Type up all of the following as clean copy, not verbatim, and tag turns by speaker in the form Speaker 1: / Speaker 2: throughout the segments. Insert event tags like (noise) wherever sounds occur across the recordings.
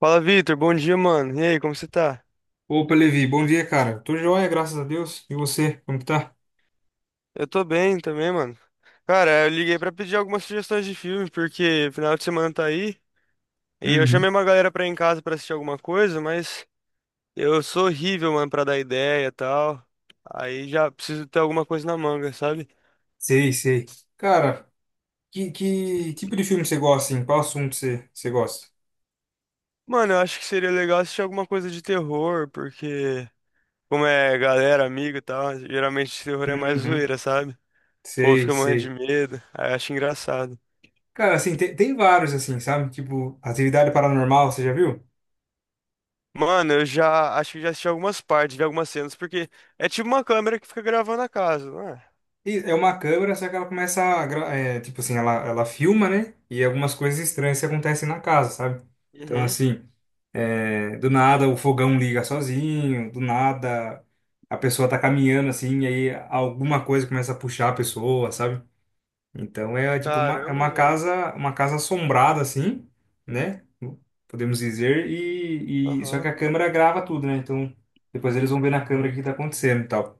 Speaker 1: Fala, Vitor. Bom dia, mano. E aí, como você tá?
Speaker 2: Opa, Levi, bom dia, cara. Tô joia, graças a Deus. E você, como que tá?
Speaker 1: Eu tô bem também, mano. Cara, eu liguei pra pedir algumas sugestões de filme, porque final de semana tá aí. E eu
Speaker 2: Uhum.
Speaker 1: chamei uma galera pra ir em casa pra assistir alguma coisa, mas eu sou horrível, mano, pra dar ideia e tal. Aí já preciso ter alguma coisa na manga, sabe?
Speaker 2: Sei, sei. Cara, que tipo de filme você gosta, assim? Qual assunto você gosta?
Speaker 1: Mano, eu acho que seria legal assistir alguma coisa de terror, porque, como é galera, amigo e tal, geralmente terror é mais
Speaker 2: Uhum.
Speaker 1: zoeira, sabe? O povo
Speaker 2: Sei,
Speaker 1: fica morrendo de
Speaker 2: sei.
Speaker 1: medo. Aí eu acho engraçado.
Speaker 2: Cara, assim, tem vários, assim, sabe? Tipo, Atividade Paranormal, você já viu?
Speaker 1: Mano, eu já acho que já assisti algumas partes, vi algumas cenas, porque é tipo uma câmera que fica gravando a casa, não é?
Speaker 2: E é uma câmera, só que ela começa a, tipo assim, ela filma, né? E algumas coisas estranhas que acontecem na casa, sabe? Então,
Speaker 1: Uhum.
Speaker 2: assim, do nada o fogão liga sozinho, do nada a pessoa tá caminhando assim, e aí alguma coisa começa a puxar a pessoa, sabe? Então é tipo uma, é uma
Speaker 1: Caramba, velho.
Speaker 2: casa, uma casa assombrada assim, né? Podemos dizer, e só que
Speaker 1: Aham.
Speaker 2: a câmera grava tudo, né? Então depois eles vão ver na câmera o que tá acontecendo e tal.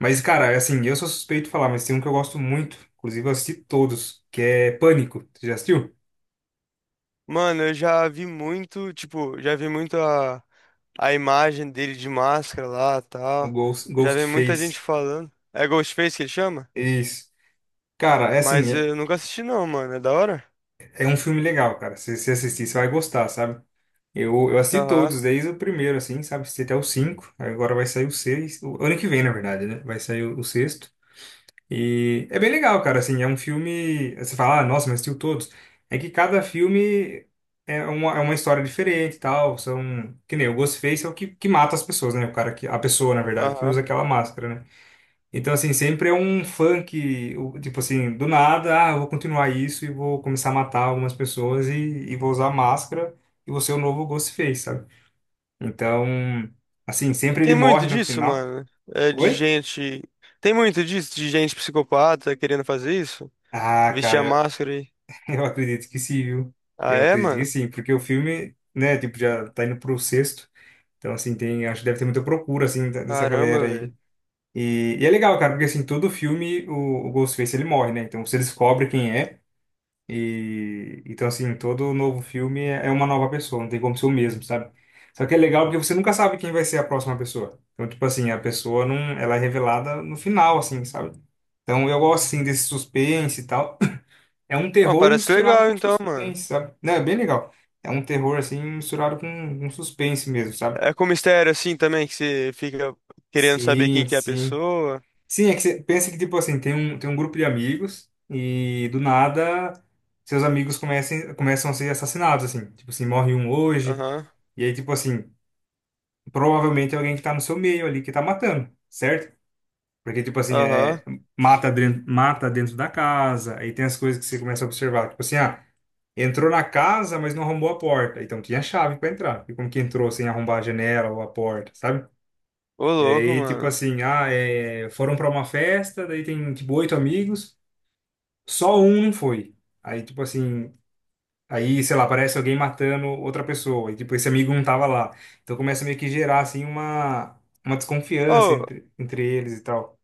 Speaker 2: Mas, cara, assim, eu sou suspeito de falar, mas tem um que eu gosto muito, inclusive eu assisti todos, que é Pânico. Você já assistiu?
Speaker 1: Mano, eu já vi muito, tipo, já vi muito a imagem dele de máscara lá,
Speaker 2: O
Speaker 1: tal.
Speaker 2: Ghost,
Speaker 1: Já vi muita gente
Speaker 2: Ghostface.
Speaker 1: falando. É Ghostface que ele chama?
Speaker 2: Isso. Cara, é assim,
Speaker 1: Mas
Speaker 2: é,
Speaker 1: eu nunca assisti não, mano. É da hora?
Speaker 2: é um filme legal, cara. Se você assistir, você vai gostar, sabe? Eu assisti
Speaker 1: Aham,
Speaker 2: todos, desde o primeiro, assim, sabe? Assisti até o cinco, agora vai sair o seis. O ano que vem, na verdade, né? Vai sair o sexto. E é bem legal, cara, assim, é um filme, você fala, ah, nossa, mas assistiu todos. É que cada filme é uma história diferente e tal, que nem o Ghostface é o que mata as pessoas, né? A pessoa, na verdade, que
Speaker 1: aham.
Speaker 2: usa aquela máscara, né? Então, assim, sempre é um funk, tipo assim, do nada, ah, eu vou continuar isso e vou começar a matar algumas pessoas e vou usar máscara e vou ser o novo Ghostface, sabe? Então, assim, sempre ele
Speaker 1: Tem
Speaker 2: morre
Speaker 1: muito
Speaker 2: no
Speaker 1: disso,
Speaker 2: final.
Speaker 1: mano. É de
Speaker 2: Oi?
Speaker 1: gente. Tem muito disso, de gente psicopata querendo fazer isso?
Speaker 2: Ah,
Speaker 1: Vestir a
Speaker 2: cara.
Speaker 1: máscara aí.
Speaker 2: Eu acredito que sim, viu?
Speaker 1: Ah,
Speaker 2: Eu
Speaker 1: é,
Speaker 2: acredito que
Speaker 1: mano?
Speaker 2: sim, porque o filme, né, tipo, já tá indo pro sexto. Então, assim, tem, acho que deve ter muita procura, assim, dessa
Speaker 1: Caramba,
Speaker 2: galera aí.
Speaker 1: velho.
Speaker 2: E é legal, cara, porque, assim, todo filme o Ghostface, ele morre, né? Então, você descobre quem é. E, então, assim, todo novo filme é uma nova pessoa, não tem como ser o mesmo, sabe? Só que é legal porque você nunca sabe quem vai ser a próxima pessoa. Então, tipo assim, a pessoa não, ela é revelada no final, assim, sabe? Então, eu gosto, assim, desse suspense e tal. É um
Speaker 1: Ah,
Speaker 2: terror
Speaker 1: parece
Speaker 2: misturado
Speaker 1: legal
Speaker 2: com
Speaker 1: então, mano.
Speaker 2: suspense, sabe? Não, é bem legal. É um terror, assim, misturado com um suspense mesmo, sabe?
Speaker 1: É com mistério assim também, que você fica querendo saber
Speaker 2: Sim,
Speaker 1: quem que é a
Speaker 2: sim.
Speaker 1: pessoa.
Speaker 2: Sim, é que você pensa que, tipo assim, tem um grupo de amigos e, do nada, seus amigos começam a ser assassinados, assim. Tipo assim, morre um hoje.
Speaker 1: Aham,
Speaker 2: E aí, tipo assim, provavelmente é alguém que tá no seu meio ali que tá matando, certo? Porque, tipo assim,
Speaker 1: aham.
Speaker 2: mata dentro da casa. Aí tem as coisas que você começa a observar. Tipo assim, entrou na casa, mas não arrombou a porta. Então tinha chave para entrar. E como que entrou sem arrombar a janela ou a porta, sabe?
Speaker 1: Ô,
Speaker 2: E
Speaker 1: louco,
Speaker 2: aí, tipo
Speaker 1: mano.
Speaker 2: assim, foram para uma festa, daí tem tipo oito amigos, só um não foi. Aí, tipo assim, aí, sei lá, parece alguém matando outra pessoa. E tipo, esse amigo não tava lá. Então começa meio que gerar assim uma desconfiança
Speaker 1: Oh,
Speaker 2: entre eles e tal.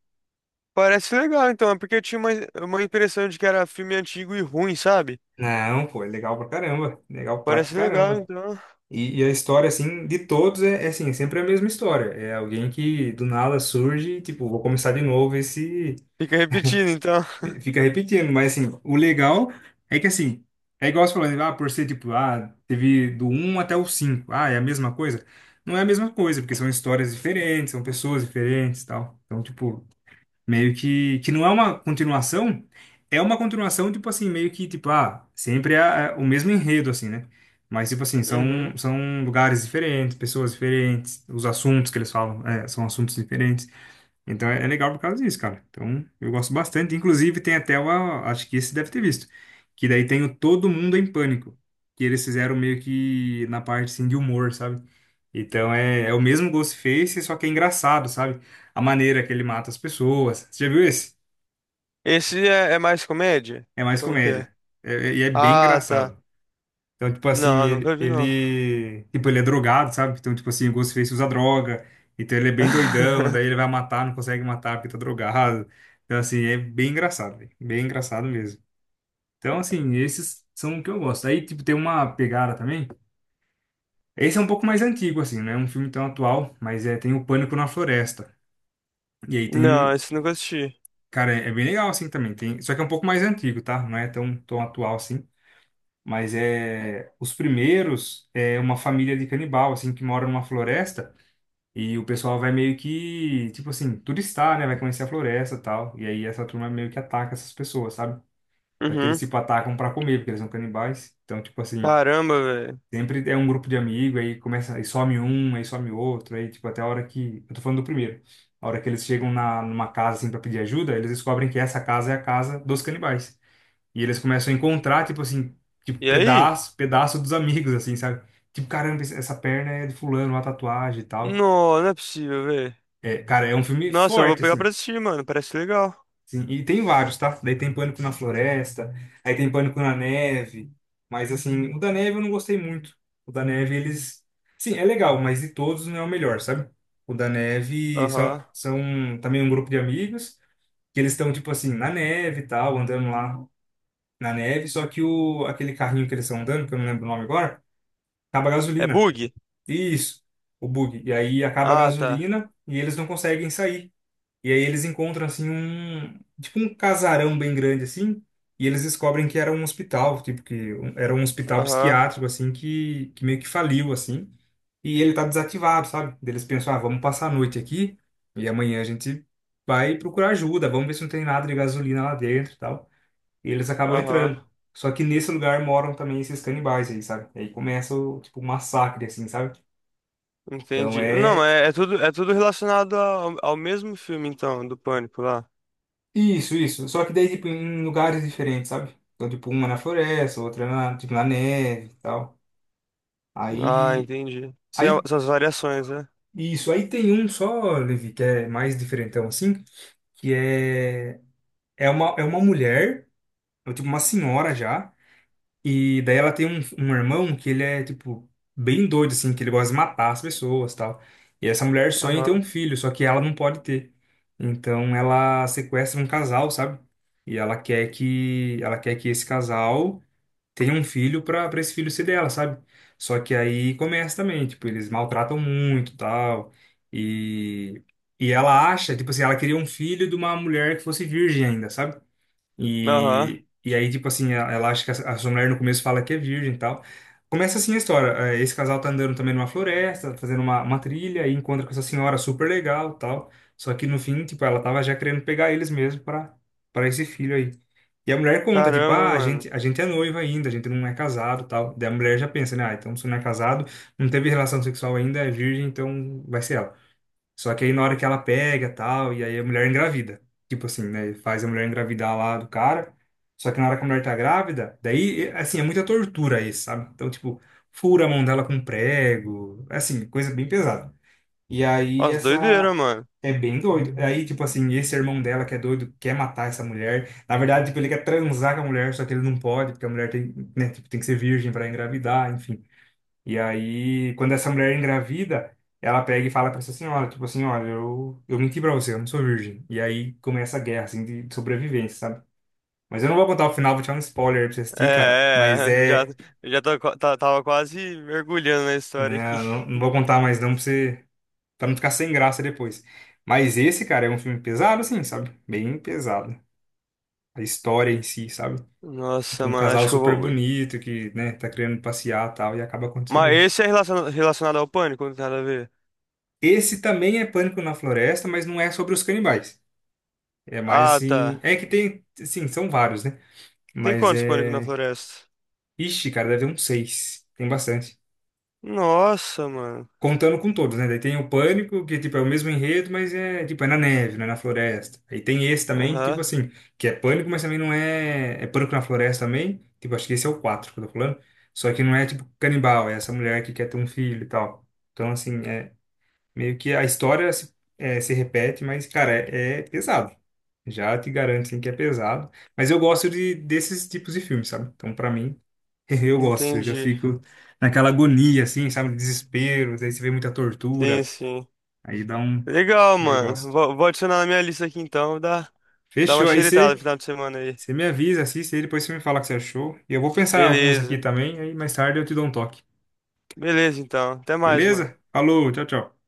Speaker 1: parece legal então, é porque eu tinha uma impressão de que era filme antigo e ruim, sabe?
Speaker 2: Não, pô, é legal pra caramba. Legal pra
Speaker 1: Parece legal
Speaker 2: caramba.
Speaker 1: então.
Speaker 2: E a história, assim, de todos é, assim, é sempre a mesma história. É alguém que do nada surge, e, tipo, vou começar de novo, esse
Speaker 1: Fica repetindo então. (laughs)
Speaker 2: fica repetindo. Mas, assim, o legal é que, assim, é igual você falou, né? Por ser, tipo, teve do um até o cinco. Ah, é a mesma coisa? Não é a mesma coisa, porque são histórias diferentes, são pessoas diferentes e tal. Então, tipo, meio que não é uma continuação, é uma continuação, tipo assim, meio que, tipo, sempre é o mesmo enredo, assim, né? Mas, tipo assim, são,
Speaker 1: Uhum.
Speaker 2: são lugares diferentes, pessoas diferentes, os assuntos que eles falam, são assuntos diferentes. Então é legal por causa disso, cara. Então eu gosto bastante. Inclusive tem até uma, acho que esse deve ter visto, que daí tem o Todo Mundo em Pânico, que eles fizeram meio que na parte, assim, de humor, sabe? Então é o mesmo Ghostface, só que é engraçado, sabe? A maneira que ele mata as pessoas. Você já viu esse?
Speaker 1: Esse é, é mais comédia?
Speaker 2: É mais
Speaker 1: Como que é?
Speaker 2: comédia. E é bem
Speaker 1: Ah, tá.
Speaker 2: engraçado. Então, tipo assim,
Speaker 1: Não,
Speaker 2: ele,
Speaker 1: nunca vi não.
Speaker 2: ele. Tipo, ele é drogado, sabe? Então, tipo assim, o Ghostface usa droga. Então ele é bem doidão, daí ele
Speaker 1: (laughs)
Speaker 2: vai matar, não consegue matar porque tá drogado. Então, assim, é bem engraçado, velho. Bem engraçado mesmo. Então, assim, esses são o que eu gosto. Aí, tipo, tem uma pegada também. Esse é um pouco mais antigo, assim, não é um filme tão atual, mas é, tem o Pânico na Floresta. E aí
Speaker 1: Não,
Speaker 2: tem.
Speaker 1: esse nunca assisti.
Speaker 2: Cara, é bem legal assim também. Tem, só que é um pouco mais antigo, tá? Não é tão, tão atual assim. Mas é os primeiros é uma família de canibal assim que mora numa floresta e o pessoal vai meio que, tipo assim, turistar, né? Vai conhecer a floresta, e tal. E aí essa turma meio que ataca essas pessoas, sabe? Só que eles
Speaker 1: Uhum.
Speaker 2: tipo atacam pra comer, porque eles são canibais. Então, tipo assim,
Speaker 1: Caramba, velho.
Speaker 2: sempre é um grupo de amigo, aí começa, aí some um, aí some outro, aí tipo, até a hora que. Eu tô falando do primeiro. A hora que eles chegam numa casa assim pra pedir ajuda, eles descobrem que essa casa é a casa dos canibais. E eles começam a encontrar, tipo assim, tipo,
Speaker 1: E aí?
Speaker 2: pedaço, pedaço dos amigos, assim, sabe? Tipo, caramba, essa perna é de fulano, uma tatuagem e tal.
Speaker 1: Não, não é possível, velho.
Speaker 2: É, cara, é um filme
Speaker 1: Nossa, eu vou
Speaker 2: forte,
Speaker 1: pegar
Speaker 2: assim.
Speaker 1: pra assistir, mano. Parece legal.
Speaker 2: Sim, e tem vários, tá? Daí tem Pânico na Floresta, aí tem Pânico na Neve, mas assim, o da Neve eu não gostei muito. O da Neve, eles. Sim, é legal, mas de todos não é o melhor, sabe? O da Neve
Speaker 1: Aham.
Speaker 2: são também um grupo de amigos, que eles estão, tipo assim, na neve e tal, andando lá na neve, só que aquele carrinho que eles estão andando, que eu não lembro o nome agora, acaba a
Speaker 1: É
Speaker 2: gasolina.
Speaker 1: bug?
Speaker 2: Isso, o bug. E aí acaba a
Speaker 1: Ah, tá.
Speaker 2: gasolina e eles não conseguem sair. E aí eles encontram assim um, tipo um casarão bem grande assim, e eles descobrem que era um hospital, tipo que era um hospital
Speaker 1: Aham.
Speaker 2: psiquiátrico assim que meio que faliu assim, e ele tá desativado, sabe? Daí eles pensam, ah, vamos passar a noite aqui e amanhã a gente vai procurar ajuda, vamos ver se não tem nada de gasolina lá dentro, e tal. E eles acabam
Speaker 1: Aham.
Speaker 2: entrando. Só que nesse lugar moram também esses canibais aí, sabe? E aí começa o, tipo, um massacre assim, sabe? Então
Speaker 1: Entendi. Não,
Speaker 2: é.
Speaker 1: é, é tudo relacionado ao mesmo filme, então, do Pânico lá.
Speaker 2: Isso, isso. Só que daí, tipo, em lugares diferentes, sabe? Então, tipo, uma na floresta, outra na, tipo, na neve e tal.
Speaker 1: Ah,
Speaker 2: Aí,
Speaker 1: entendi. Sem a-
Speaker 2: aí,
Speaker 1: essas variações, né?
Speaker 2: isso. Aí tem um só, Levi, que é mais diferentão, assim, que é uma mulher, ou tipo, uma senhora já. E daí ela tem um irmão que ele é, tipo, bem doido, assim, que ele gosta de matar as pessoas tal. E essa mulher sonha em ter um
Speaker 1: Aham.
Speaker 2: filho, só que ela não pode ter. Então ela sequestra um casal, sabe? E ela quer que esse casal tenha um filho pra para esse filho ser dela, sabe? Só que aí começa também, tipo, eles maltratam muito, tal. E e ela acha, tipo assim, ela queria um filho de uma mulher que fosse virgem ainda, sabe?
Speaker 1: Aham.
Speaker 2: E aí, tipo assim, ela acha que a sua mulher no começo fala que é virgem e tal. Começa assim a história. Esse casal tá andando também numa floresta, fazendo uma trilha, e encontra com essa senhora super legal e tal. Só que no fim, tipo, ela tava já querendo pegar eles mesmo pra para esse filho aí. E a mulher conta, tipo,
Speaker 1: Caramba,
Speaker 2: ah, a gente,
Speaker 1: mano.
Speaker 2: a gente é noiva ainda, a gente não é casado e tal. Daí a mulher já pensa, né? Ah, então se não é casado, não teve relação sexual ainda, é virgem, então vai ser ela. Só que aí na hora que ela pega tal, e aí a mulher engravida. Tipo assim, né? Faz a mulher engravidar lá do cara. Só que na hora que a mulher tá grávida, daí, assim, é muita tortura isso, sabe? Então, tipo, fura a mão dela com um prego. É assim, coisa bem pesada. E aí
Speaker 1: Nossa, doideira,
Speaker 2: essa.
Speaker 1: mano.
Speaker 2: É bem doido. Aí, tipo assim, esse irmão dela que é doido quer matar essa mulher. Na verdade, tipo, ele quer transar com a mulher, só que ele não pode, porque a mulher tem, né, tipo, tem que ser virgem para engravidar, enfim. E aí, quando essa mulher é engravida, ela pega e fala pra essa senhora, tipo assim, olha, eu menti pra você, eu não sou virgem. E aí começa a guerra, assim, de sobrevivência, sabe? Mas eu não vou contar o final, vou te dar um spoiler aí pra você assistir, cara. Mas
Speaker 1: É, é, já,
Speaker 2: é,
Speaker 1: já tô, qua- tá- tava quase mergulhando na história aqui.
Speaker 2: né, eu não
Speaker 1: (laughs)
Speaker 2: vou contar mais não pra você, pra não ficar sem graça depois. Mas esse, cara, é um filme pesado, assim, sabe? Bem pesado. A história em si, sabe? Tipo,
Speaker 1: Nossa,
Speaker 2: um
Speaker 1: mano,
Speaker 2: casal
Speaker 1: acho que eu
Speaker 2: super
Speaker 1: vou.
Speaker 2: bonito que, né, tá querendo passear e tal, e acaba acontecendo
Speaker 1: Mas
Speaker 2: isso.
Speaker 1: esse é relaciona- relacionado ao pânico, não tem nada a ver.
Speaker 2: Esse também é Pânico na Floresta, mas não é sobre os canibais. É mais
Speaker 1: Ah,
Speaker 2: assim.
Speaker 1: tá.
Speaker 2: É que tem. Sim, são vários, né?
Speaker 1: Tem
Speaker 2: Mas
Speaker 1: quantos pânico na
Speaker 2: é.
Speaker 1: floresta?
Speaker 2: Ixi, cara, deve ter uns seis. Tem bastante.
Speaker 1: Nossa, mano.
Speaker 2: Contando com todos, né? Daí tem o Pânico, que tipo, é o mesmo enredo, mas é tipo, é na neve, né? Na floresta. Aí tem esse também, tipo
Speaker 1: Aham,
Speaker 2: assim, que é Pânico, mas também não é. É Pânico na floresta também. Tipo, acho que esse é o 4 que eu tô falando. Só que não é tipo canibal, é essa mulher que quer ter um filho e tal. Então, assim, meio que a história se repete, mas, cara, é pesado. Já te garanto, assim, que é pesado. Mas eu gosto desses tipos de filmes, sabe? Então, pra mim, (laughs) eu gosto. Eu já
Speaker 1: entendi.
Speaker 2: fico naquela agonia, assim, sabe? Desespero. Daí você vê muita
Speaker 1: Sim,
Speaker 2: tortura.
Speaker 1: sim.
Speaker 2: Aí dá um...
Speaker 1: Legal,
Speaker 2: Eu
Speaker 1: mano.
Speaker 2: gosto.
Speaker 1: Vou adicionar na minha lista aqui então. Dá uma
Speaker 2: Fechou. Aí
Speaker 1: xeritada no
Speaker 2: você,
Speaker 1: final de semana aí.
Speaker 2: você me avisa, assiste aí. Depois você me fala o que você achou. E eu vou pensar em alguns aqui
Speaker 1: Beleza.
Speaker 2: também. Aí mais tarde eu te dou um toque.
Speaker 1: Beleza, então. Até mais, mano.
Speaker 2: Beleza? Falou, tchau, tchau.